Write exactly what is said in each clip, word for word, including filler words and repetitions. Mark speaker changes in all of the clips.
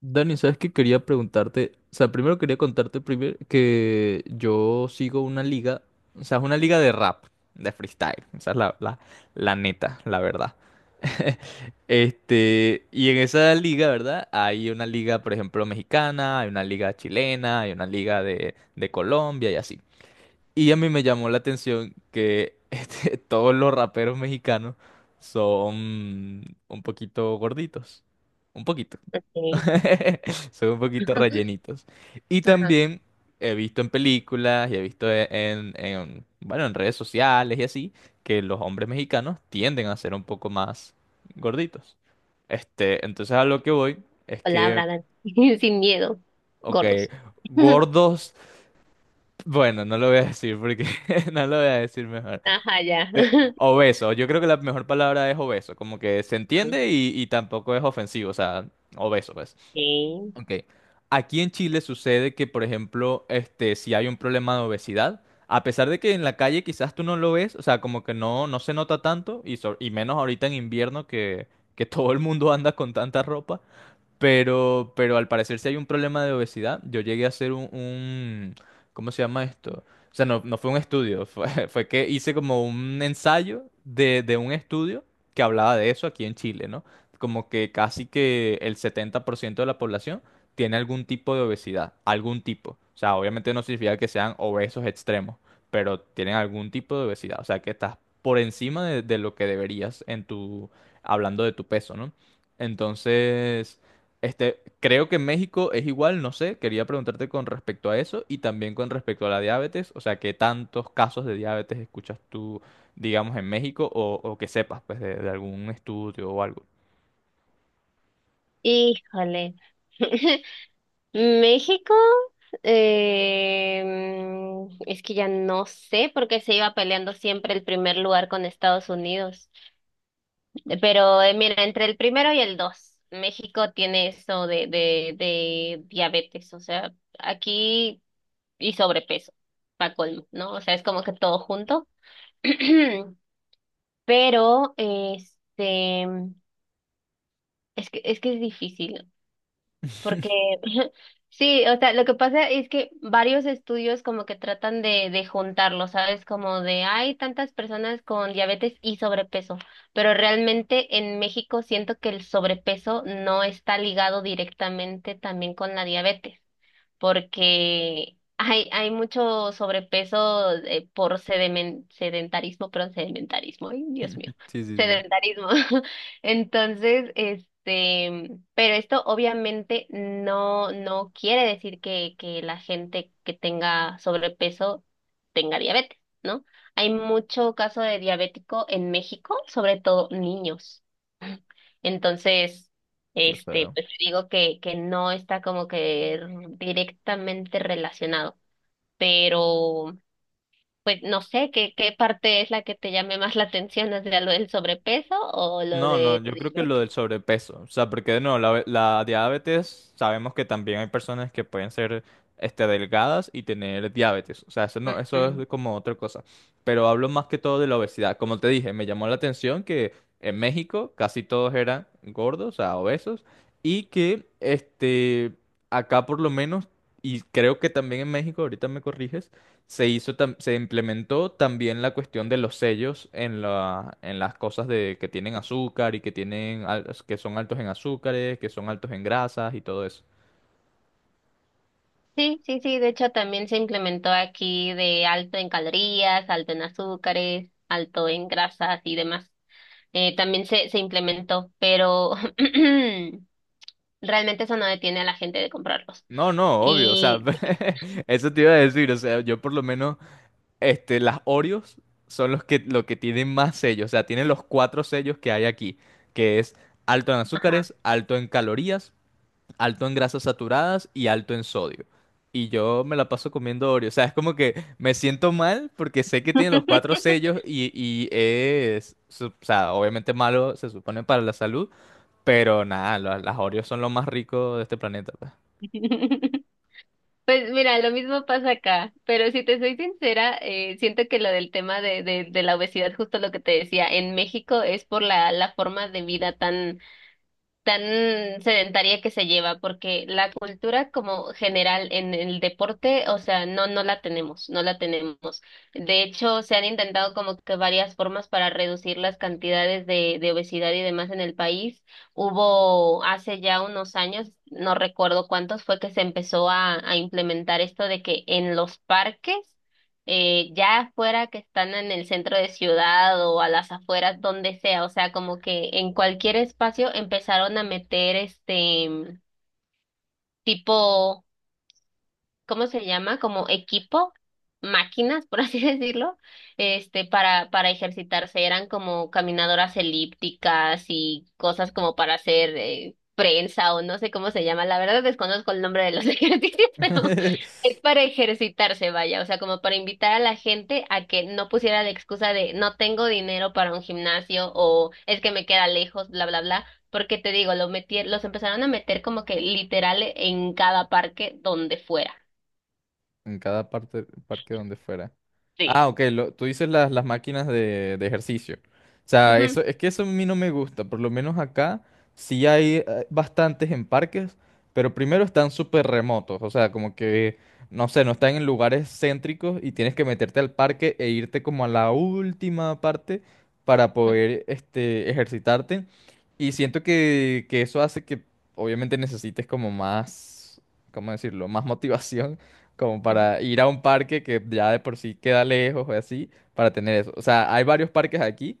Speaker 1: Dani, ¿sabes qué quería preguntarte? O sea, primero quería contarte primero que yo sigo una liga, o sea, es una liga de rap, de freestyle, esa es la, la, la neta, la verdad. Este, y en esa liga, ¿verdad? Hay una liga, por ejemplo, mexicana, hay una liga chilena, hay una liga de, de Colombia y así. Y a mí me llamó la atención que este, todos los raperos mexicanos son un poquito gorditos. Un poquito.
Speaker 2: Okay.
Speaker 1: Son un poquito rellenitos. Y
Speaker 2: Ajá.
Speaker 1: también he visto en películas y he visto e- en, en, bueno, en redes sociales y así, que los hombres mexicanos tienden a ser un poco más gorditos. Este, entonces a lo que voy es que,
Speaker 2: Palabra, Dani. Sin miedo.
Speaker 1: ok,
Speaker 2: Gordos.
Speaker 1: gordos, bueno, no lo voy a decir porque no lo voy a decir mejor.
Speaker 2: Ajá, ya.
Speaker 1: De- Obeso, yo creo que la mejor palabra es obeso, como que se
Speaker 2: Ok.
Speaker 1: entiende y, y tampoco es ofensivo, o sea, obeso, pues. Ok. Aquí en Chile sucede que, por ejemplo, este, si hay un problema de obesidad, a pesar de que en la calle quizás tú no lo ves, o sea, como que no, no se nota tanto, y, so- y menos ahorita en invierno que, que todo el mundo anda con tanta ropa, pero, pero al parecer si hay un problema de obesidad. Yo llegué a hacer un, un- ¿cómo se llama esto? O sea, no, no fue un estudio, fue, fue que hice como un ensayo de, de un estudio que hablaba de eso aquí en Chile, ¿no? Como que casi que el setenta por ciento de la población tiene algún tipo de obesidad, algún tipo. O sea, obviamente no significa que sean obesos extremos, pero tienen algún tipo de obesidad. O sea, que estás por encima de, de lo que deberías en tu, hablando de tu peso, ¿no? Entonces... Este, creo que en México es igual, no sé, quería preguntarte con respecto a eso y también con respecto a la diabetes, o sea, ¿qué tantos casos de diabetes escuchas tú, digamos, en México o, o que sepas, pues, de, de algún estudio o algo?
Speaker 2: Híjole. México, em, es que ya no sé por qué se iba peleando siempre el primer lugar con Estados Unidos. Pero eh, mira, entre el primero y el dos, México tiene eso de, de, de diabetes, o sea, aquí y sobrepeso, para colmo, ¿no? O sea, es como que todo junto. Pero, este, es que, es que es difícil, porque sí, o sea, lo que pasa es que varios estudios como que tratan de, de juntarlo, ¿sabes? Como de hay tantas personas con diabetes y sobrepeso, pero realmente en México siento que el sobrepeso no está ligado directamente también con la diabetes porque hay, hay mucho sobrepeso eh, por sedemen- sedentarismo, perdón, sedentarismo, ay, Dios mío,
Speaker 1: Sí, sí, sí,
Speaker 2: sedentarismo. Entonces, este, pero esto obviamente no, no quiere decir que, que la gente que tenga sobrepeso tenga diabetes, ¿no? Hay mucho caso de diabético en México, sobre todo niños. Entonces,
Speaker 1: qué
Speaker 2: este,
Speaker 1: feo.
Speaker 2: pues digo que, que no está como que r- directamente relacionado, pero pues no sé qué, qué parte es la que te llame más la atención, o sea, lo del sobrepeso o lo
Speaker 1: No, no,
Speaker 2: de la
Speaker 1: yo creo que lo
Speaker 2: diabetes.
Speaker 1: del sobrepeso, o sea, porque de nuevo, la, la diabetes, sabemos que también hay personas que pueden ser este, delgadas y tener diabetes, o sea, eso no, eso
Speaker 2: Ujú.
Speaker 1: es como otra cosa, pero hablo más que todo de la obesidad, como te dije, me llamó la atención que en México casi todos eran gordos, o sea, obesos, y que este, acá por lo menos, y creo que también en México, ahorita me corriges, se hizo, tam- se implementó también la cuestión de los sellos en la, en las cosas de que tienen azúcar y que tienen, al- que son altos en azúcares, que son altos en grasas y todo eso.
Speaker 2: Sí, sí, sí, de hecho también se implementó aquí de alto en calorías, alto en azúcares, alto en grasas y demás. Eh, también se, se implementó, pero realmente eso no detiene a la gente de comprarlos.
Speaker 1: No, no, obvio, o sea,
Speaker 2: Y
Speaker 1: eso te iba a decir, o sea, yo por lo menos, este, las Oreos son los que, lo que tienen más sellos, o sea, tienen los cuatro sellos que hay aquí, que es alto en azúcares, alto en calorías, alto en grasas saturadas y alto en sodio. Y yo me la paso comiendo Oreo. O sea, es como que me siento mal porque sé que tiene los cuatro sellos y, y es, su- o sea, obviamente malo, se supone para la salud, pero nada, la- las Oreos son lo más rico de este planeta, pues.
Speaker 2: pues mira, lo mismo pasa acá, pero si te soy sincera, eh, siento que lo del tema de, de, de la obesidad, justo lo que te decía, en México es por la, la forma de vida tan. Tan sedentaria que se lleva, porque la cultura como general en el deporte, o sea, no, no la tenemos, no la tenemos. De hecho, se han intentado como que varias formas para reducir las cantidades de, de obesidad y demás en el país. Hubo hace ya unos años, no recuerdo cuántos, fue que se empezó a, a implementar esto de que en los parques eh, ya fuera que están en el centro de ciudad o a las afueras, donde sea, o sea, como que en cualquier espacio empezaron a meter este tipo, ¿cómo se llama? Como equipo, máquinas, por así decirlo, este, para, para ejercitarse. Eran como caminadoras elípticas y cosas como para hacer eh, prensa o no sé cómo se llama. La verdad desconozco el nombre de los ejercicios, pero es para ejercitarse, vaya. O sea, como para invitar a la gente a que no pusiera la excusa de no tengo dinero para un gimnasio o es que me queda lejos, bla, bla, bla. Porque te digo, lo metí, los empezaron a meter como que literal en cada parque donde fuera.
Speaker 1: En cada parte, parque donde fuera.
Speaker 2: Sí.
Speaker 1: Ah, ok, lo- tú dices las, las máquinas de, de ejercicio. O sea,
Speaker 2: Ujú,
Speaker 1: eso, es que eso a mí no me gusta. Por lo menos acá sí hay eh, bastantes en parques, pero primero están súper remotos. O sea, como que, no sé, no están en lugares céntricos y tienes que meterte al parque e irte como a la última parte para poder este, ejercitarte. Y siento que, que eso hace que obviamente necesites como más, ¿cómo decirlo? Más motivación como
Speaker 2: ujú,
Speaker 1: para ir a un parque que ya de por sí queda lejos o así, para tener eso. O sea, hay varios parques aquí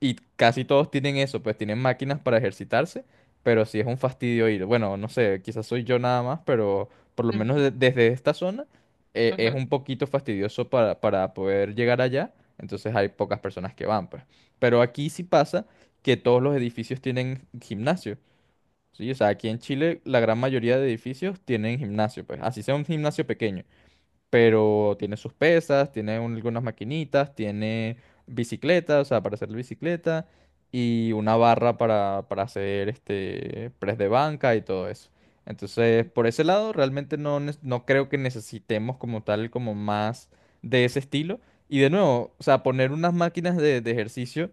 Speaker 1: y casi todos tienen eso, pues tienen máquinas para ejercitarse, pero sí es un fastidio ir. Bueno, no sé, quizás soy yo nada más, pero por lo
Speaker 2: ujú,
Speaker 1: menos de- desde esta zona eh, es
Speaker 2: ujú,
Speaker 1: un poquito fastidioso para, para poder llegar allá, entonces hay pocas personas que van, pues. Pero aquí sí pasa que todos los edificios tienen gimnasio. Sí, o sea, aquí en Chile la gran mayoría de edificios tienen gimnasio, pues así sea un gimnasio pequeño pero tiene sus pesas, tiene un- algunas maquinitas, tiene bicicleta, o sea, para hacer la bicicleta, y una barra para, para hacer este press de banca y todo eso. Entonces, por ese lado, realmente no, nes- no creo que necesitemos como tal, como más de ese estilo. Y de nuevo, o sea, poner unas máquinas de, de ejercicio,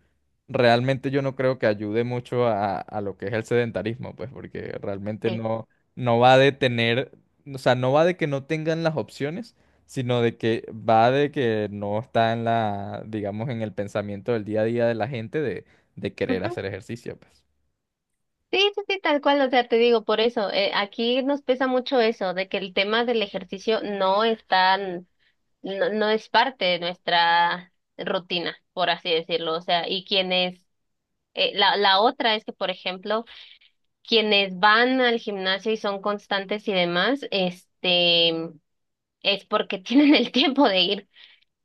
Speaker 1: realmente yo no creo que ayude mucho a, a lo que es el sedentarismo, pues, porque realmente
Speaker 2: sí,
Speaker 1: no, no va a detener, o sea, no va de que no tengan las opciones, sino de que va de que no está en la, digamos, en el pensamiento del día a día de la gente de, de querer
Speaker 2: ujú.
Speaker 1: hacer ejercicio, pues.
Speaker 2: Sí, sí, sí, tal cual, o sea, te digo, por eso, eh, aquí nos pesa mucho eso, de que el tema del ejercicio no es tan, no, no es parte de nuestra rutina, por así decirlo, o sea, y quienes, eh, la, la otra es que, por ejemplo, quienes van al gimnasio y son constantes y demás, este, es porque tienen el tiempo de ir.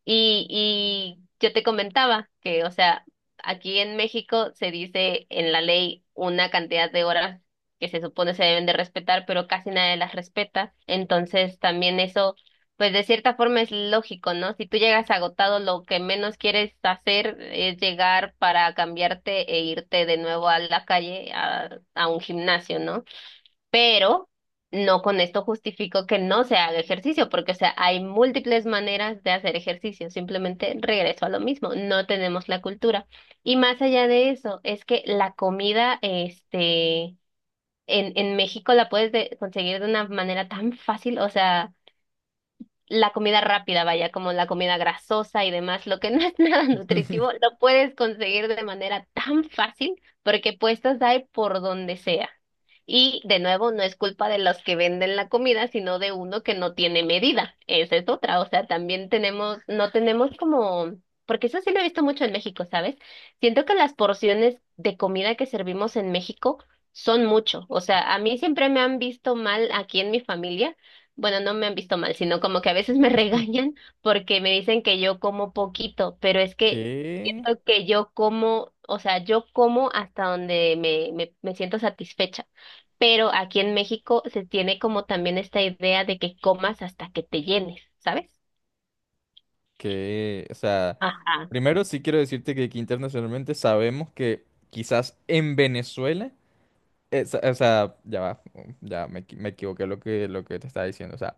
Speaker 2: Y, y yo te comentaba que, o sea, aquí en México se dice en la ley una cantidad de horas que se supone se deben de respetar, pero casi nadie las respeta. Entonces también eso, pues de cierta forma es lógico, ¿no? Si tú llegas agotado, lo que menos quieres hacer es llegar para cambiarte e irte de nuevo a la calle, a, a un gimnasio, ¿no? Pero no con esto justifico que no se haga ejercicio, porque, o sea, hay múltiples maneras de hacer ejercicio, simplemente regreso a lo mismo, no tenemos la cultura. Y más allá de eso, es que la comida, este, en, en México la puedes de- conseguir de una manera tan fácil, o sea la comida rápida, vaya, como la comida grasosa y demás, lo que no es nada nutritivo, lo puedes conseguir de manera tan fácil porque puestas hay por donde sea. Y de nuevo, no es culpa de los que venden la comida, sino de uno que no tiene medida. Esa es otra. O sea, también tenemos, no tenemos como, porque eso sí lo he visto mucho en México, ¿sabes? Siento que las porciones de comida que servimos en México son mucho. O sea, a mí siempre me han visto mal aquí en mi familia, bueno, no me han visto mal, sino como que a veces me regañan porque me dicen que yo como poquito, pero es que
Speaker 1: qué
Speaker 2: siento que yo como, o sea, yo como hasta donde me, me, me siento satisfecha. Pero aquí en México se tiene como también esta idea de que comas hasta que te llenes, ¿sabes?
Speaker 1: qué o sea,
Speaker 2: Ajá.
Speaker 1: primero sí quiero decirte que aquí internacionalmente sabemos que quizás en Venezuela, eh, sa- o sea, ya va, ya me, equi- me equivoqué lo que, lo que te estaba diciendo, o sea,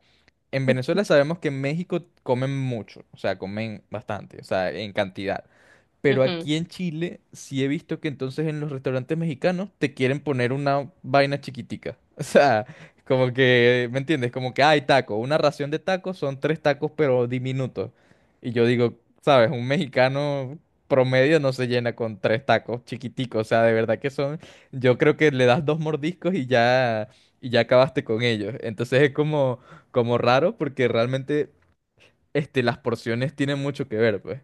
Speaker 1: en Venezuela sabemos que en México comen mucho, o sea, comen bastante, o sea, en cantidad. Pero aquí en Chile sí he visto que entonces en los restaurantes mexicanos te quieren poner una vaina chiquitica. O sea, como que, ¿me entiendes? Como que hay taco, una ración de tacos son tres tacos pero diminutos. Y yo digo, ¿sabes? Un mexicano promedio no se llena con tres tacos chiquiticos. O sea, de verdad que son, yo creo que le das dos mordiscos y ya, y ya acabaste con ellos. Entonces es como, como raro porque realmente, este, las porciones tienen mucho que ver, pues.